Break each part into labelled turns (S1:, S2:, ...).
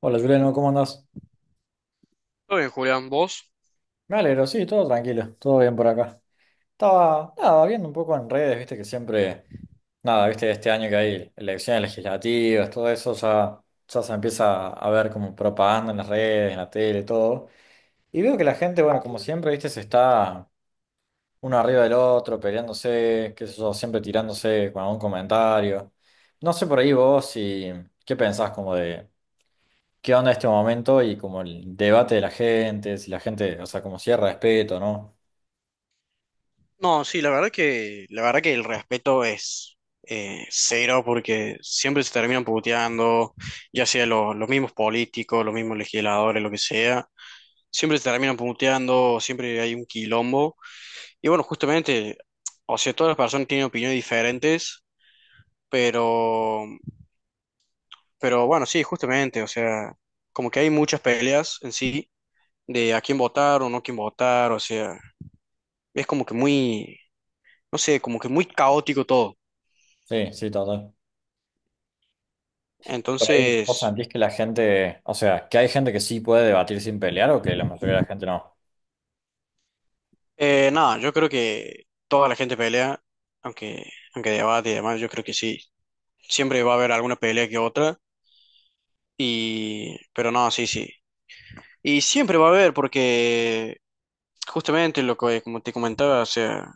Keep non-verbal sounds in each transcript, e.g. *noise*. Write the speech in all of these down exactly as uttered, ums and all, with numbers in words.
S1: Hola Juliano, ¿cómo andás?
S2: Todo bien, Julián, ¿vos?
S1: Me alegro, sí, todo tranquilo, todo bien por acá. Estaba, nada, viendo un poco en redes, viste que siempre, nada, viste este año que hay elecciones legislativas, todo eso ya, ya se empieza a ver como propaganda en las redes, en la tele, todo. Y veo que la gente, bueno, como siempre, viste, se está uno arriba del otro, peleándose, qué sé yo, siempre tirándose con algún comentario. No sé por ahí vos si, ¿qué pensás como de, qué onda este momento y como el debate de la gente, si la gente, o sea, como si hay respeto, ¿no?
S2: No, sí, la verdad que, la verdad que el respeto es eh, cero porque siempre se terminan puteando, ya sea lo- los mismos políticos, los mismos legisladores, lo que sea, siempre se terminan puteando, siempre hay un quilombo. Y bueno, justamente, o sea, todas las personas tienen opiniones diferentes, pero, pero bueno, sí, justamente, o sea, como que hay muchas peleas en sí de a quién votar o no quién votar, o sea, es como que muy... No sé, como que muy caótico todo.
S1: Sí, sí, total. Por ahí, ¿vos
S2: Entonces,
S1: sentís que la gente, o sea, que hay gente que sí puede debatir sin pelear o que la mayoría de la gente no?
S2: eh, nada, yo creo que toda la gente pelea, aunque, aunque debate y demás, yo creo que sí. Siempre va a haber alguna pelea que otra. Y, pero no, sí, sí. Y siempre va a haber, porque justamente lo que, como te comentaba, o sea,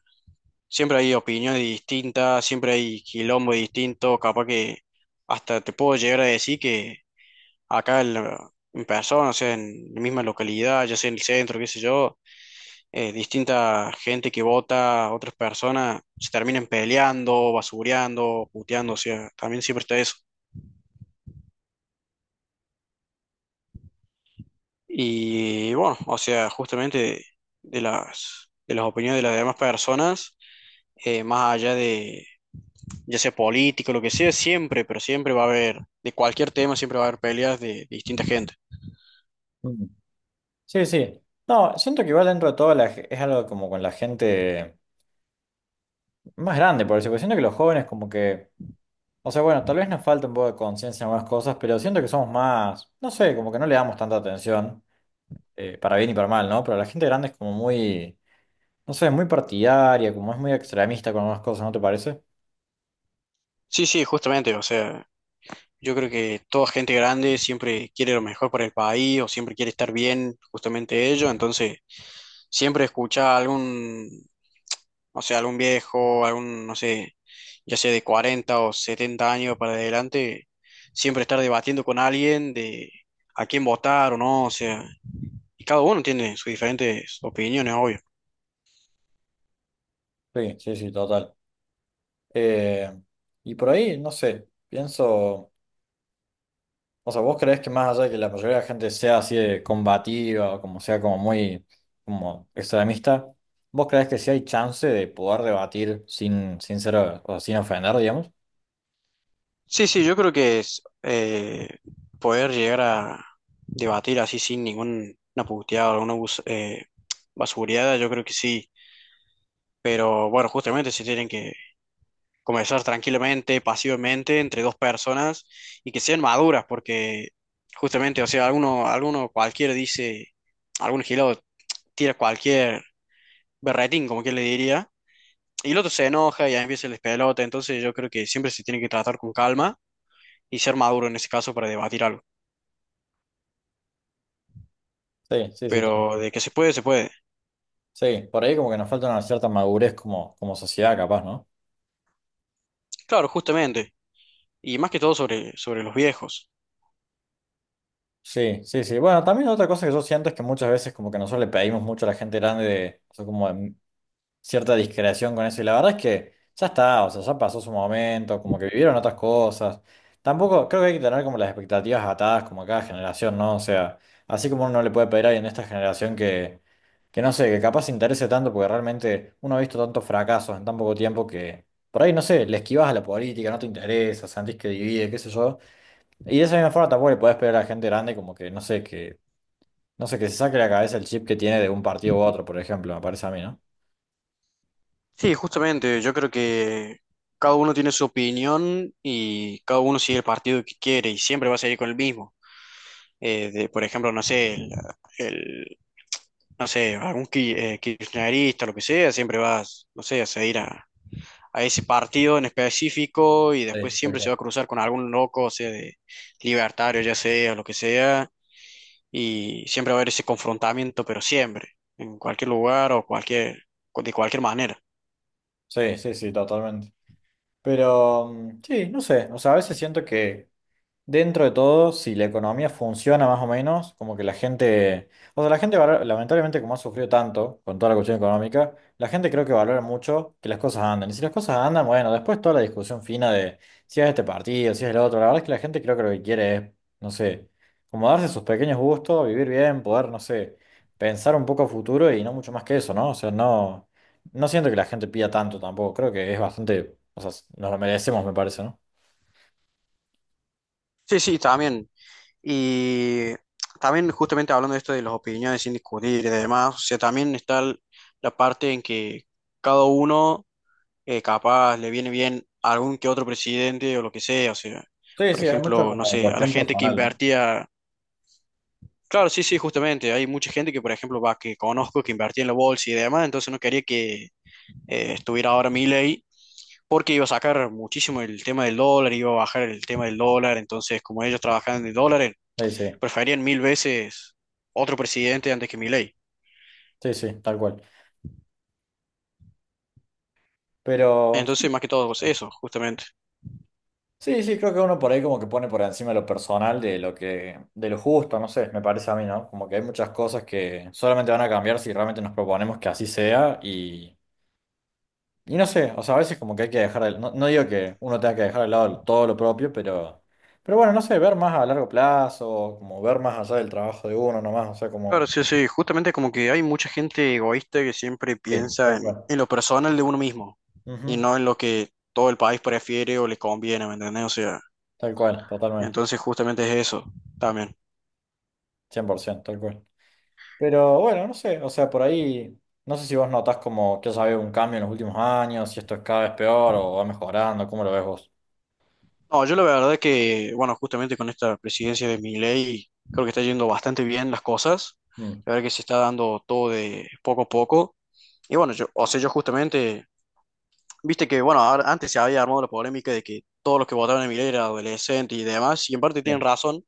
S2: siempre hay opiniones distintas, siempre hay quilombo distinto, capaz que hasta te puedo llegar a decir que acá en, la- en persona, o sea, en la misma localidad, ya sea en el centro, qué sé yo, eh, distinta gente que vota, otras personas se terminan peleando, basureando, puteando, o sea, también siempre está eso. Y bueno, o sea, justamente de las, de las opiniones de las demás personas, eh, más allá de, ya sea político, lo que sea, siempre, pero siempre va a haber, de cualquier tema, siempre va a haber peleas de, de distinta gente.
S1: Mm. Sí, sí. No, siento que igual dentro de todo la ge- es algo como con la gente más grande, por eso, porque siento que los jóvenes como que, o sea, bueno, tal vez nos falta un poco de conciencia en algunas cosas, pero siento que somos más, no sé, como que no le damos tanta atención, eh, para bien y para mal, ¿no? Pero la gente grande es como muy... No sé, es muy partidaria, como es muy extremista con algunas cosas, ¿no te parece?
S2: Sí, sí, justamente, o sea, yo creo que toda gente grande siempre quiere lo mejor para el país o siempre quiere estar bien, justamente ellos. Entonces, siempre escucha a algún, o sea, algún viejo, algún, no sé, ya sea de cuarenta o setenta años para adelante, siempre estar debatiendo con alguien de a quién votar o no. O sea, y cada uno tiene sus diferentes opiniones, obvio.
S1: Sí, sí, sí, total. Eh, y por ahí, no sé, pienso, o sea, ¿vos creés que más allá de que la mayoría de la gente sea así de combativa o como sea como muy como extremista, ¿vos creés que sí hay chance de poder debatir sin, sin ser, o sea, sin ofender, digamos?
S2: Sí, sí, yo creo que es eh, poder llegar a debatir así sin ninguna puteada o alguna bus- eh, basureada, yo creo que sí. Pero bueno, justamente se tienen que comenzar tranquilamente, pasivamente, entre dos personas y que sean maduras, porque justamente, o sea, alguno, alguno cualquiera dice, algún gilado tira cualquier berretín, como quien le diría, y el otro se enoja y ahí empieza el despelota. Entonces yo creo que siempre se tiene que tratar con calma y ser maduro en ese caso para debatir algo.
S1: Sí, sí, sí,
S2: Pero
S1: total.
S2: de que se puede, se puede.
S1: Sí, por ahí como que nos falta una cierta madurez como, como sociedad, capaz, ¿no?
S2: Claro, justamente, y más que todo sobre, sobre los viejos.
S1: Sí, sí, sí. Bueno, también otra cosa que yo siento es que muchas veces como que nosotros le pedimos mucho a la gente grande de, o sea, como de cierta discreción con eso. Y la verdad es que ya está, o sea, ya pasó su momento, como que vivieron otras cosas. Tampoco creo que hay que tener como las expectativas atadas como a cada generación, ¿no? O sea, así como uno no le puede pedir a alguien de esta generación que, que no sé, que capaz se interese tanto porque realmente uno ha visto tantos fracasos en tan poco tiempo que por ahí, no sé, le esquivas a la política, no te interesa, sentís que divide, qué sé yo. Y de esa misma forma tampoco le podés pedir a la gente grande como que, no sé, que, no sé, que se saque de la cabeza el chip que tiene de un partido u otro, por ejemplo, me parece a mí, ¿no?
S2: Sí, justamente, yo creo que cada uno tiene su opinión y cada uno sigue el partido que quiere y siempre va a seguir con el mismo. Eh, de, por ejemplo, no sé, el, el- no sé, algún ki- eh, kirchnerista, lo que sea, siempre va, no sé, a seguir a, a ese partido en específico y después
S1: Sí, tal
S2: siempre se va
S1: cual.
S2: a cruzar con algún loco, o sea, de libertario, ya sea, lo que sea, y siempre va a haber ese confrontamiento, pero siempre, en cualquier lugar o cualquier, de cualquier manera.
S1: Sí, sí, sí, totalmente. Pero mm, sí, no sé, o sea, a veces siento que dentro de todo, si la economía funciona más o menos, como que la gente, o sea, la gente valora- lamentablemente como ha sufrido tanto con toda la cuestión económica, la gente creo que valora mucho que las cosas anden. Y si las cosas andan, bueno, después toda la discusión fina de si es este partido, si es el otro, la verdad es que la gente creo que lo que quiere es, no sé, como darse sus pequeños gustos, vivir bien, poder, no sé, pensar un poco a futuro y no mucho más que eso, ¿no? O sea, no, no siento que la gente pida tanto tampoco, creo que es bastante, o sea, nos lo merecemos, me parece, ¿no?
S2: Sí, sí, también. Y también justamente hablando de esto de las opiniones sin discutir y demás, o sea, también está el- la parte en que cada uno eh, capaz le viene bien a algún que otro presidente o lo que sea, o sea,
S1: Sí,
S2: por
S1: sí, hay mucho
S2: ejemplo, no
S1: como
S2: sé, a la
S1: cuestión
S2: gente que
S1: personal, ¿no?
S2: invertía, claro, sí, sí, justamente, hay mucha gente que, por ejemplo, va, que conozco, que invertía en la bolsa y demás, entonces no quería que eh, estuviera ahora Milei, porque iba a sacar muchísimo el tema del dólar, iba a bajar el tema del dólar, entonces como ellos trabajaban de dólares,
S1: Sí, sí,
S2: preferían mil veces otro presidente antes que Milei.
S1: sí, sí, tal cual. Pero
S2: Entonces, más que todo, pues, eso, justamente.
S1: sí, sí, creo que uno por ahí como que pone por encima lo personal de lo que, de lo justo, no sé, me parece a mí, ¿no? Como que hay muchas cosas que solamente van a cambiar si realmente nos proponemos que así sea y, y no sé, o sea, a veces como que hay que dejar, de- no, no digo que uno tenga que dejar de lado todo lo propio, pero, pero bueno, no sé, ver más a largo plazo, como ver más allá del trabajo de uno nomás, o sea,
S2: Claro,
S1: como...
S2: sí, sí, justamente como que hay mucha gente egoísta que siempre
S1: Sí,
S2: piensa
S1: tal
S2: en,
S1: cual.
S2: en lo personal de uno mismo y
S1: Ujú,
S2: no en lo que todo el país prefiere o le conviene, ¿me entendés? O sea,
S1: tal cual, totalmente,
S2: entonces justamente es eso también.
S1: cien por ciento tal cual. Pero bueno, no sé, o sea, por ahí, no sé si vos notás como que haya habido un cambio en los últimos años, si esto es cada vez peor o va mejorando, ¿cómo lo ves vos?
S2: No, yo la verdad que, bueno, justamente con esta presidencia de Milei, creo que está yendo bastante bien las cosas.
S1: Mm,
S2: La verdad que se está dando todo de poco a poco. Y bueno, yo, o sea, yo justamente, viste que, bueno, ahora- antes se había armado la polémica de que todos los que votaron a Milei eran adolescentes y demás, y en parte
S1: sí,
S2: tienen razón,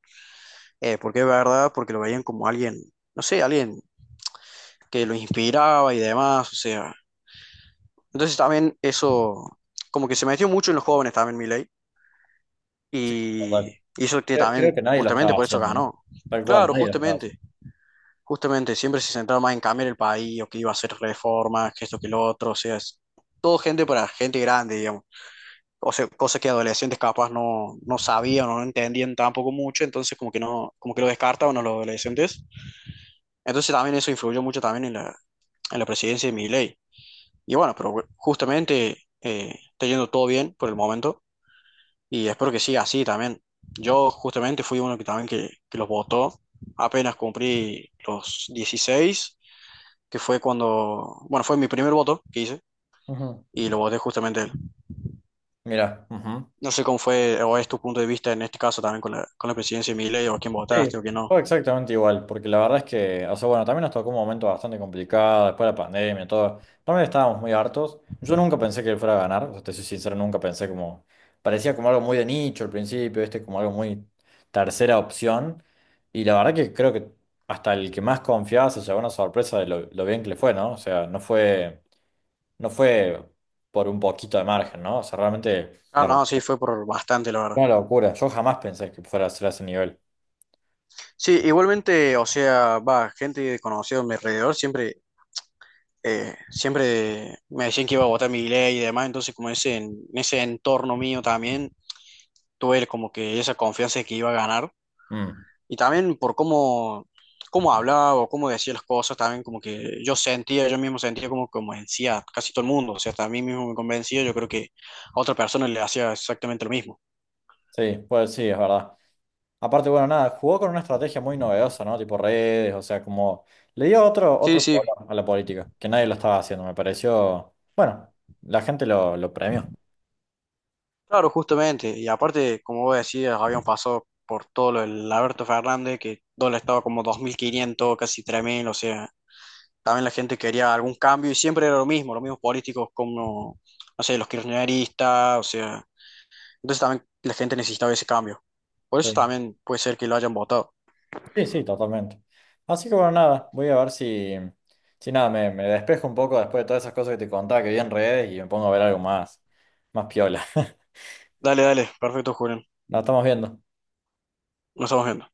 S2: eh, porque es verdad, porque lo veían como alguien, no sé, alguien que lo inspiraba y demás, o sea. Entonces también eso, como que se metió mucho en los jóvenes también Milei. Y
S1: total.
S2: hizo que
S1: Creo,
S2: también,
S1: creo que nadie lo
S2: justamente
S1: estaba
S2: por eso
S1: haciendo, ¿no?
S2: ganó.
S1: Tal cual,
S2: Claro,
S1: nadie lo estaba haciendo.
S2: justamente, justamente, siempre se centraba más en cambiar el país o que iba a hacer reformas, que esto, que lo otro, o sea, es todo gente para gente grande, digamos. O sea, cosas que adolescentes capaz no, no sabían o no entendían tampoco mucho, entonces como que no, como que lo descartaban a los adolescentes. Entonces también eso influyó mucho también en la, en la presidencia de Milei. Y bueno, pero justamente eh, está yendo todo bien por el momento. Y espero que siga así también. Yo justamente fui uno que también que, que los votó apenas cumplí los dieciséis, que fue cuando, bueno, fue mi primer voto que hice
S1: Ujú.
S2: y lo voté justamente a él. No sé cómo fue o es tu punto de vista en este caso también con la, con la presidencia de Milei o a quién votaste o
S1: Sí,
S2: quién no.
S1: fue exactamente igual, porque la verdad es que, o sea, bueno, también nos tocó un momento bastante complicado, después de la pandemia, todo, también estábamos muy hartos. Yo nunca pensé que él fuera a ganar, o sea, te soy sincero, nunca pensé como, parecía como algo muy de nicho al principio, este como algo muy tercera opción, y la verdad que creo que hasta el que más confiaba se llevó una sorpresa de lo, lo bien que le fue, ¿no? O sea, no fue, no fue por un poquito de margen, ¿no? O sea, realmente
S2: Ah,
S1: la,
S2: no, sí,
S1: fue
S2: fue por bastante, la verdad.
S1: una locura, yo jamás pensé que fuera a ser a ese nivel.
S2: Sí, igualmente, o sea, va, gente conocida a mi alrededor siempre eh, siempre me decían que iba a votar mi ley y demás, entonces como ese, en ese entorno mío también tuve como que esa confianza de que iba a ganar
S1: Mm.
S2: y también por cómo, cómo hablaba o cómo decía las cosas, también como que yo sentía, yo mismo sentía como como decía casi todo el mundo, o sea, hasta a mí mismo me convencía, yo creo que a otra persona le hacía exactamente lo mismo.
S1: Sí, pues sí, es verdad. Aparte, bueno, nada, jugó con una estrategia muy novedosa, ¿no? Tipo redes, o sea, como le dio otro,
S2: Sí,
S1: otro
S2: sí.
S1: color a la política, que nadie lo estaba haciendo, me pareció, bueno, la gente lo, lo premió.
S2: Claro, justamente. Y aparte, como vos decías, habíamos pasado por todo lo del Alberto Fernández, que dólar estaba como dos mil quinientos, casi tres mil, o sea, también la gente quería algún cambio y siempre era lo mismo, los mismos políticos como, no sé, los kirchneristas, o sea, entonces también la gente necesitaba ese cambio. Por eso
S1: Sí,
S2: también puede ser que lo hayan votado.
S1: sí, sí, totalmente. Así que bueno, nada, voy a ver si, si nada, me, me despejo un poco después de todas esas cosas que te contaba que vi en redes y me pongo a ver algo más, más piola. *laughs*
S2: Dale, dale, perfecto, Julián.
S1: Nos estamos viendo.
S2: Nos estamos viendo.